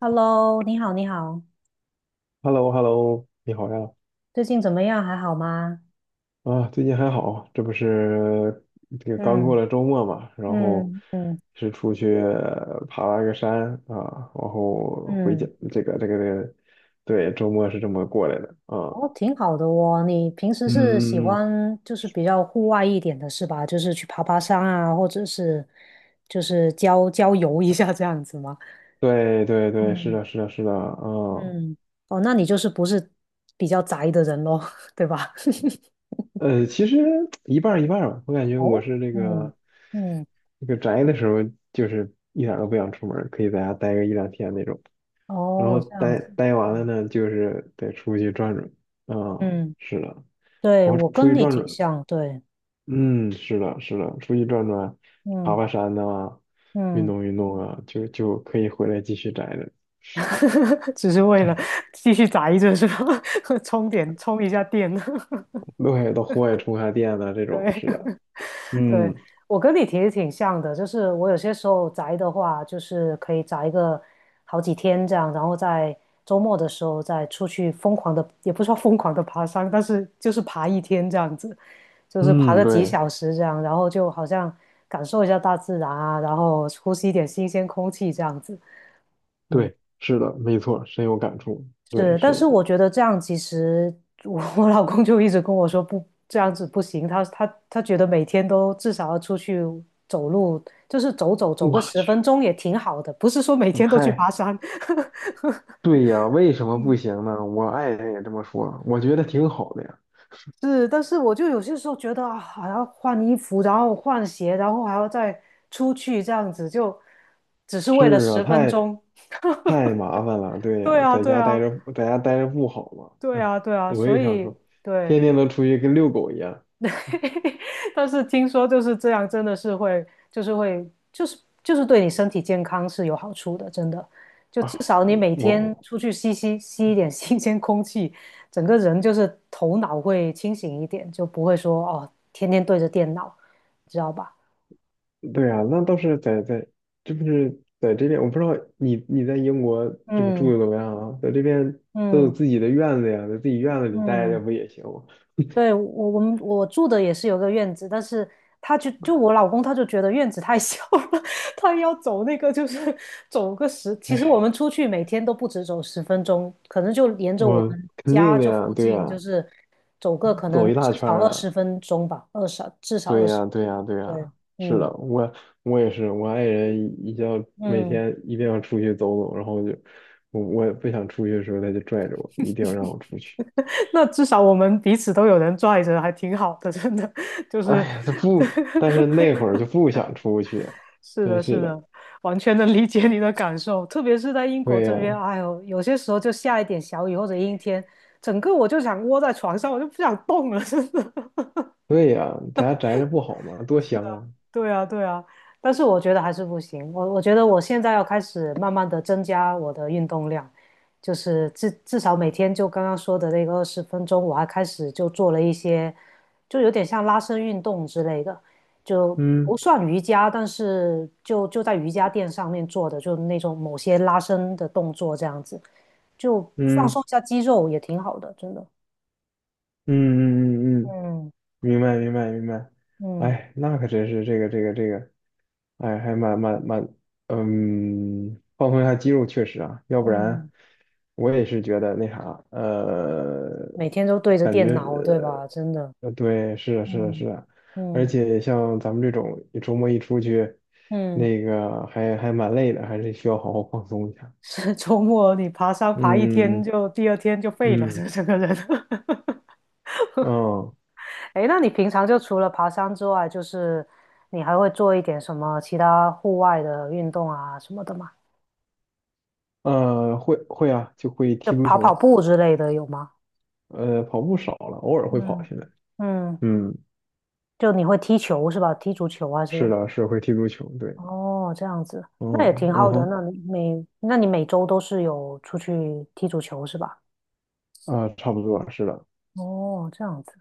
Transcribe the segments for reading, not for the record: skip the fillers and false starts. Hello，你好，你好，hello hello 你好呀！最近怎么样？还好吗？啊，最近还好，这不是这个刚过嗯，了周末嘛，然后嗯嗯是出去爬了个山啊，然后回嗯家，嗯，这个，对，周末是这么过来的啊。哦，挺好的哦。你平时是喜嗯，嗯欢就是比较户外一点的是吧？就是去爬爬山啊，或者是就是郊游一下这样子吗？对对对，是嗯的，是的，是的，啊，嗯，哦，那你就是不是比较宅的人咯，对吧？其实一半儿一半儿吧。我感 觉我哦，是那嗯个嗯，那个宅的时候，就是一点儿都不想出门儿，可以在家待个一两天那种。然哦，后这样待子，待完了呢，就是得出去转转。啊，嗯，是的，对，我我出跟去你转挺转。像，对，嗯，是的，是的，出去转转，爬嗯爬山呐、运嗯。动运动啊，就可以回来继续宅着。只是为了继续宅一阵是吧？充一下电。对，到户外充下电呐，这种，是的。对对，嗯我跟你其实挺像的，就是我有些时候宅的话，就是可以宅个好几天这样，然后在周末的时候再出去疯狂的，也不是说疯狂的爬山，但是就是爬一天这样子，就是爬嗯，个几对小时这样，然后就好像感受一下大自然啊，然后呼吸一点新鲜空气这样子。嗯。对，是的，没错，深有感触。对，是，但是是的。我觉得这样其实我老公就一直跟我说不这样子不行，他觉得每天都至少要出去走路，就是走个我十去，分钟也挺好的，不是说每天都去爬太山。对呀，为什么不行呢？我爱人也这么说，我觉得挺好的呀。是，但是我就有些时候觉得啊，还要换衣服，然后换鞋，然后还要再出去这样子，就只是是为了啊，十分太钟。太麻烦了，对对呀，啊，在对家待啊，着，在家待着不好吗？对嗯啊，对啊，我所也想以说，对，天天都出去跟遛狗一样 但是听说就是这样，真的是会，就是会，就是对你身体健康是有好处的，真的。就至啊。少你每天我，出去吸一点新鲜空气，整个人就是头脑会清醒一点，就不会说哦，天天对着电脑，知道吧？对呀，那倒是在，这不是在这边，我不知道你在英国这个住嗯的怎么样啊？在这边都有嗯自己的院子呀，在自己院子里待着嗯。不也行吗？对，我住的也是有个院子，但是他就我老公他就觉得院子太 小了，他要走那个就是走个十，其实哎，我们出去每天都不止走十分钟，可能就沿着我我们肯定家的这呀，附对近就呀，是走个可走能一大至圈少儿二了。十分钟吧，二十至少对二十，呀，对呀，对对，呀，是的，嗯我也是，我爱人一定要每嗯，天一定要出去走走，然后就我不想出去的时候，他就拽着我，一定要让我出去。那至少我们彼此都有人拽着，还挺好的，真的 就是。哎呀，他不，但是那 会儿就不想出去，是真的，是是的。的，完全能理解你的感受，特别是在英国对这呀，边，哎呦，有些时候就下一点小雨或者阴天，整个我就想窝在床上，我就不想动了，真的。对呀，在家宅着不好吗？多香啊！对啊，对啊，但是我觉得还是不行。我觉得我现在要开始慢慢的增加我的运动量，就是至少每天就刚刚说的那个二十分钟，我还开始就做了一些，就有点像拉伸运动之类的，就嗯不算瑜伽，但是就在瑜伽垫上面做的，就那种某些拉伸的动作这样子，就放嗯松一下肌肉也挺好的，真的。嗯嗯嗯嗯，嗯嗯明白明白明白。嗯哎，那可真是这个，哎，还蛮蛮蛮，嗯，放松一下肌肉确实啊，要不然嗯，我也是觉得那啥，每天都对着感电觉脑，对吧？真的。对，是啊是啊嗯是啊，而嗯且像咱们这种周末一出去，嗯，那个还蛮累的，还是需要好好放松一下。是 周末你爬山爬一天嗯就第二天就废了，嗯这整个人。嗯哎那你平常就除了爬山之外，就是你还会做一点什么其他户外的运动啊什么的吗？嗯，会啊，就会就踢足跑跑球，步之类的有吗？跑步少了，偶尔会跑嗯起来。嗯，嗯，就你会踢球是吧？踢足球还是是？的，是会踢足球，对，哦，这样子，那也嗯挺好嗯的。哼。那你每周都是有出去踢足球是吧？啊，差不多是的。哦，这样子。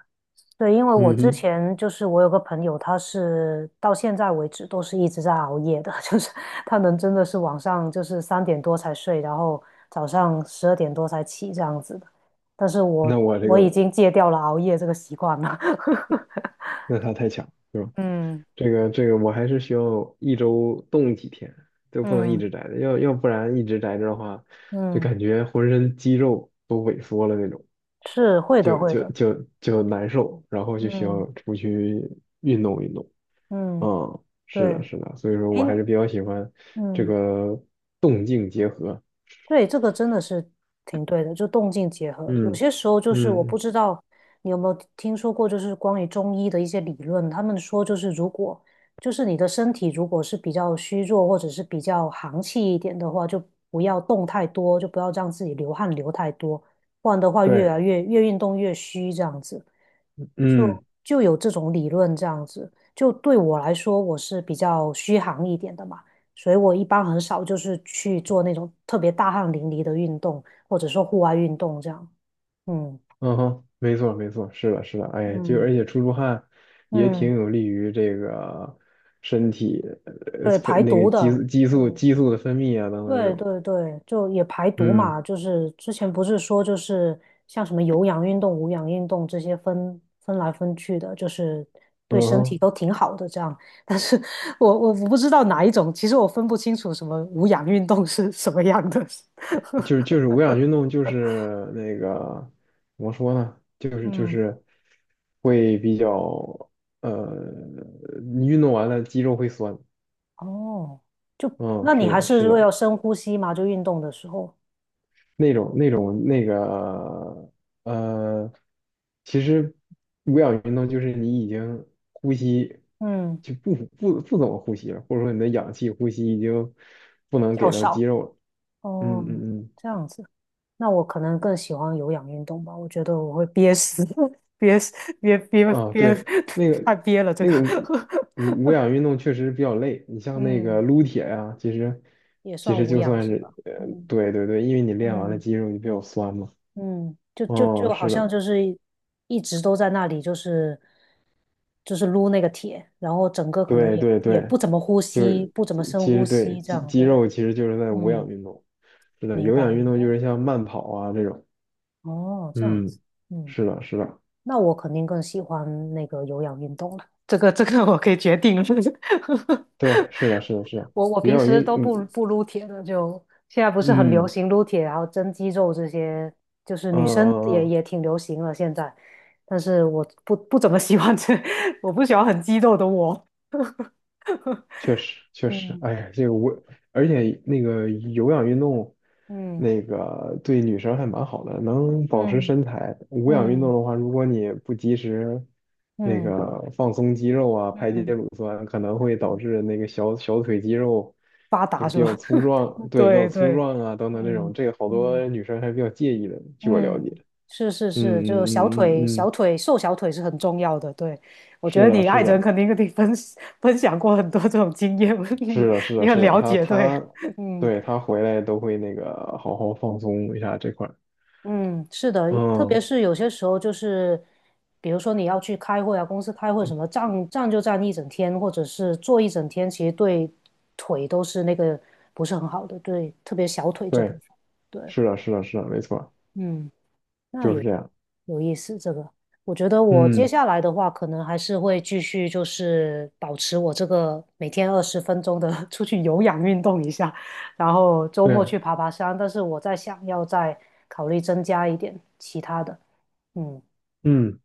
对，因为我嗯之哼，前就是我有个朋友，他是到现在为止都是一直在熬夜的，就是他能真的是晚上就是3点多才睡，然后早上12点多才起这样子的。但是我那我这我个，已经戒掉了熬夜这个习惯了。那他太强，对吧？嗯我还是需要一周动几天，就不能一直嗯宅着，要不然一直宅着的话，就嗯，感觉浑身肌肉都萎缩了那种，是会的就会就的。就就难受，然后就需要嗯出去运动运动。嗯，嗯，是对，的，是的，所以说哎我还是比较喜欢这嗯。个动静结合。对，这个真的是挺对的，就动静结合。有嗯些时候就是我不嗯，知道你有没有听说过，就是关于中医的一些理论，他们说就是如果就是你的身体如果是比较虚弱或者是比较寒气一点的话，就不要动太多，就不要让自己流汗流太多，不然的话对，越运动越虚这样子。就嗯。就有这种理论这样子，就对我来说我是比较虚寒一点的嘛。所以我一般很少就是去做那种特别大汗淋漓的运动，或者说户外运动这样。嗯嗯哼，没错没错，是的，是的，哎，就嗯而且出汗也挺嗯，有利于这个身体对，排那个毒激的。素激素嗯，激素的分泌啊等等这对种，对对，就也排毒嗯嘛，就是之前不是说就是像什么有氧运动、无氧运动这些分来分去的，就是嗯对身体哼，都挺好的这样。但是我不知道哪一种，其实我分不清楚什么无氧运动是什么样的。就是无氧运动就是那个怎么说呢，就是就嗯是会比较呃你运动完了肌肉会酸，哦，就嗯，那你是还的是是会要的，深呼吸嘛？就运动的时候，那种那种那个呃，其实无氧运动就是你已经呼吸嗯，就不怎么呼吸了，或者说你的氧气呼吸已经不能较给到肌少。肉了。哦，嗯嗯这样子，那我可能更喜欢有氧运动吧。我觉得我会憋死，憋死，憋憋嗯，啊憋，对，那 太个憋了这那个。个无氧 运动确实比较累，你像那嗯，个撸铁呀、其实也其算实无就氧算是吧？是嗯对对对，因为你练完了嗯肌肉就比较酸嘛。嗯，就就哦，就好是像的，就是一直都在那里，就是撸那个铁，然后整个可能对也对也对。不怎么呼就吸，是不怎么深其实呼对吸，这肌样肌对。肉其实就是在无氧嗯。运动，是的，明有白氧运明动就白。是像慢跑啊这种，哦，这样子，嗯，嗯，是的，是的，那我肯定更喜欢那个有氧运动了。这个我可以决定了。对，是的，是的，是的，我有平氧时运，都不嗯不撸铁的，就现在不是很流行撸铁，然后增肌肉这些，就是嗯女生嗯嗯，也嗯，也挺流行了现在。但是我不怎么喜欢这，我不喜欢很肌肉的我。确实，确实，嗯哎呀，这个我，而且那个有氧运动，嗯那个对女生还蛮好的，能保持嗯身材。无氧运动嗯的话，如果你不及时那嗯个放松肌肉啊，排解嗯乳酸，可能会导嗯，致那个小腿肌肉发这达个是比较吧？粗壮，对，比较对粗对，壮啊等等这种，嗯这个好多嗯。女生还比较介意的，据我了解。嗯，是是嗯是，就小嗯嗯嗯腿嗯，小嗯腿瘦小腿是很重要的。对，我觉是得的，你爱是人的。肯定跟你分享过很多这种经验，你是的，是的，你很是的，了解。对，嗯对，他回来都会那个好好放松一下这块儿。嗯，是的，特别嗯，是有些时候就是，比如说你要去开会啊，公司开会什么，就站一整天，或者是坐一整天，其实对腿都是那个不是很好的，对，特别小腿这部分。对，对，是的，是的，是的，没错儿嗯。那就是有这样。有意思，这个我觉得我接嗯，下来的话，可能还是会继续就是保持我这个每天二十分钟的 出去有氧运动一下，然后周末对，去爬爬山。但是我在想要再考虑增加一点其他的，嗯，嗯，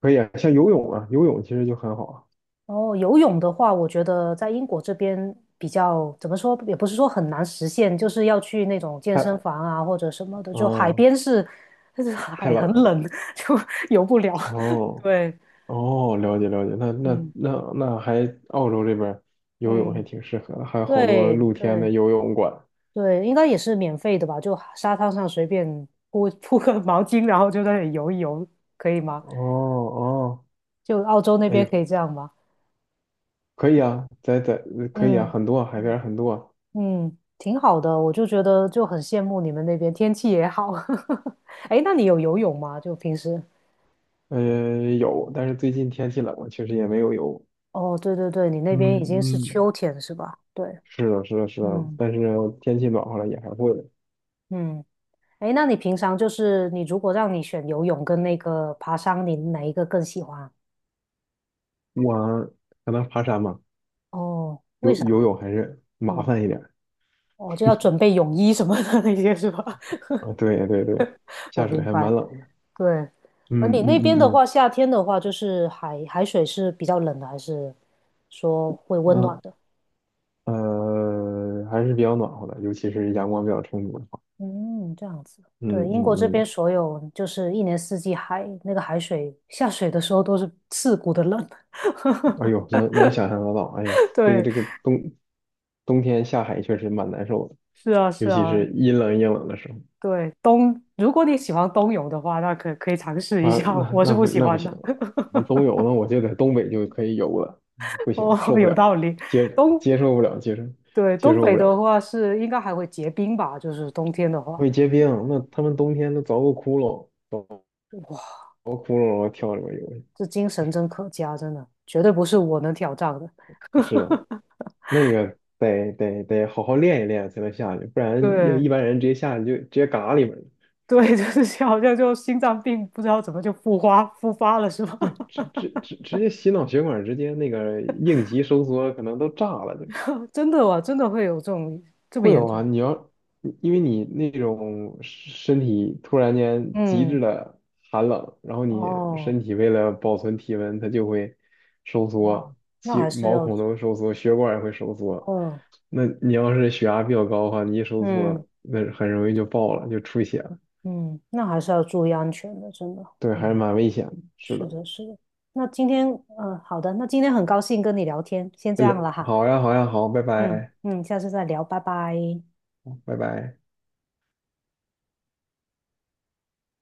可以啊，像游泳啊，游泳其实就很好啊。然后游泳的话，我觉得在英国这边比较怎么说，也不是说很难实现，就是要去那种健身太，房啊或者什么的，就海哦，边是，但是太海冷很了。冷，就游不了，哦，对。哦，了解了解，那那嗯，那那还澳洲这边儿游泳还嗯，挺适合的，还有好多对露天的对游泳馆。对，应该也是免费的吧？就沙滩上随便铺 铺个毛巾，然后就在那里游一游，可以吗？哦哦，就澳洲那哎边呦，可以这样吗？可以啊，可以啊，嗯很多啊海边嗯，儿很多啊嗯，挺好的，我就觉得就很羡慕你们那边天气也好。哎那你有游泳吗？就平时？嗯，有，但是最近天气冷了，确实也没有游。哦，对对对，你那嗯边已经是嗯，秋天是吧？对，是的，是的，是的，嗯但是天气暖和了也还会的。嗯，哎，那你平常就是你如果让你选游泳跟那个爬山，你哪一个更喜欢？我可能爬山嘛，哦，为游游啥？泳还是麻嗯，烦一点儿我就要准备泳衣什么的那些是吧？啊。对对对，我下水明还白。蛮冷的。对，而嗯你那嗯边的嗯话，夏天的话，就是海水是比较冷的，还是说会嗯温暖啊的？还是比较暖和的，尤其是阳光比较充足的话。嗯，这样子。嗯对，英国这边嗯所有就是一年四季海那个海水下水的时候都是刺骨的冷。嗯，哎呦，能想象得到，哎呀，这个对，这个冬天下海确实蛮难受的，是啊，尤是其啊，是阴冷阴冷的时候。对，如果你喜欢冬泳的话，那可以尝试一啊，下，我是不喜那不欢行的。啊，冬泳呢，我就在东北就可以游了，不哦，行，受不有了，道理，接冬。接受不了，接受对，接东受北不了，的话是应该还会结冰吧，就是冬天的话，会结冰，那他们冬天都凿个窟窿，凿哇，个窟窿然后跳里面游去，这精神真可嘉，真的绝对不是我能挑战的。是的，那个得好好练一练才能下去，不然要对一般人直接下去就直接嘎里面了，对，就是好像就心脏病不知道怎么就复发了是吧？对，直接洗脑血管，直接那个应急收缩可能都炸了就。真的哇，真的会有这种这么会严有重？啊，因为你那种身体突然间极致嗯，的寒冷，然后你哦，身体为了保存体温，它就会收哇，缩，那其还是毛要，孔都收缩，血管也会收缩。哦，那你要是血压比较高的话，你一收嗯缩，那很容易就爆了，就出血了。嗯，那还是要注意安全的，真的，对，还是嗯，蛮危险的。是是的，的，是的。那今天，嗯、好的，那今天很高兴跟你聊天，先这哎样了哈。好呀，好呀，好，拜嗯拜，嗯，下次再聊，拜拜。拜拜。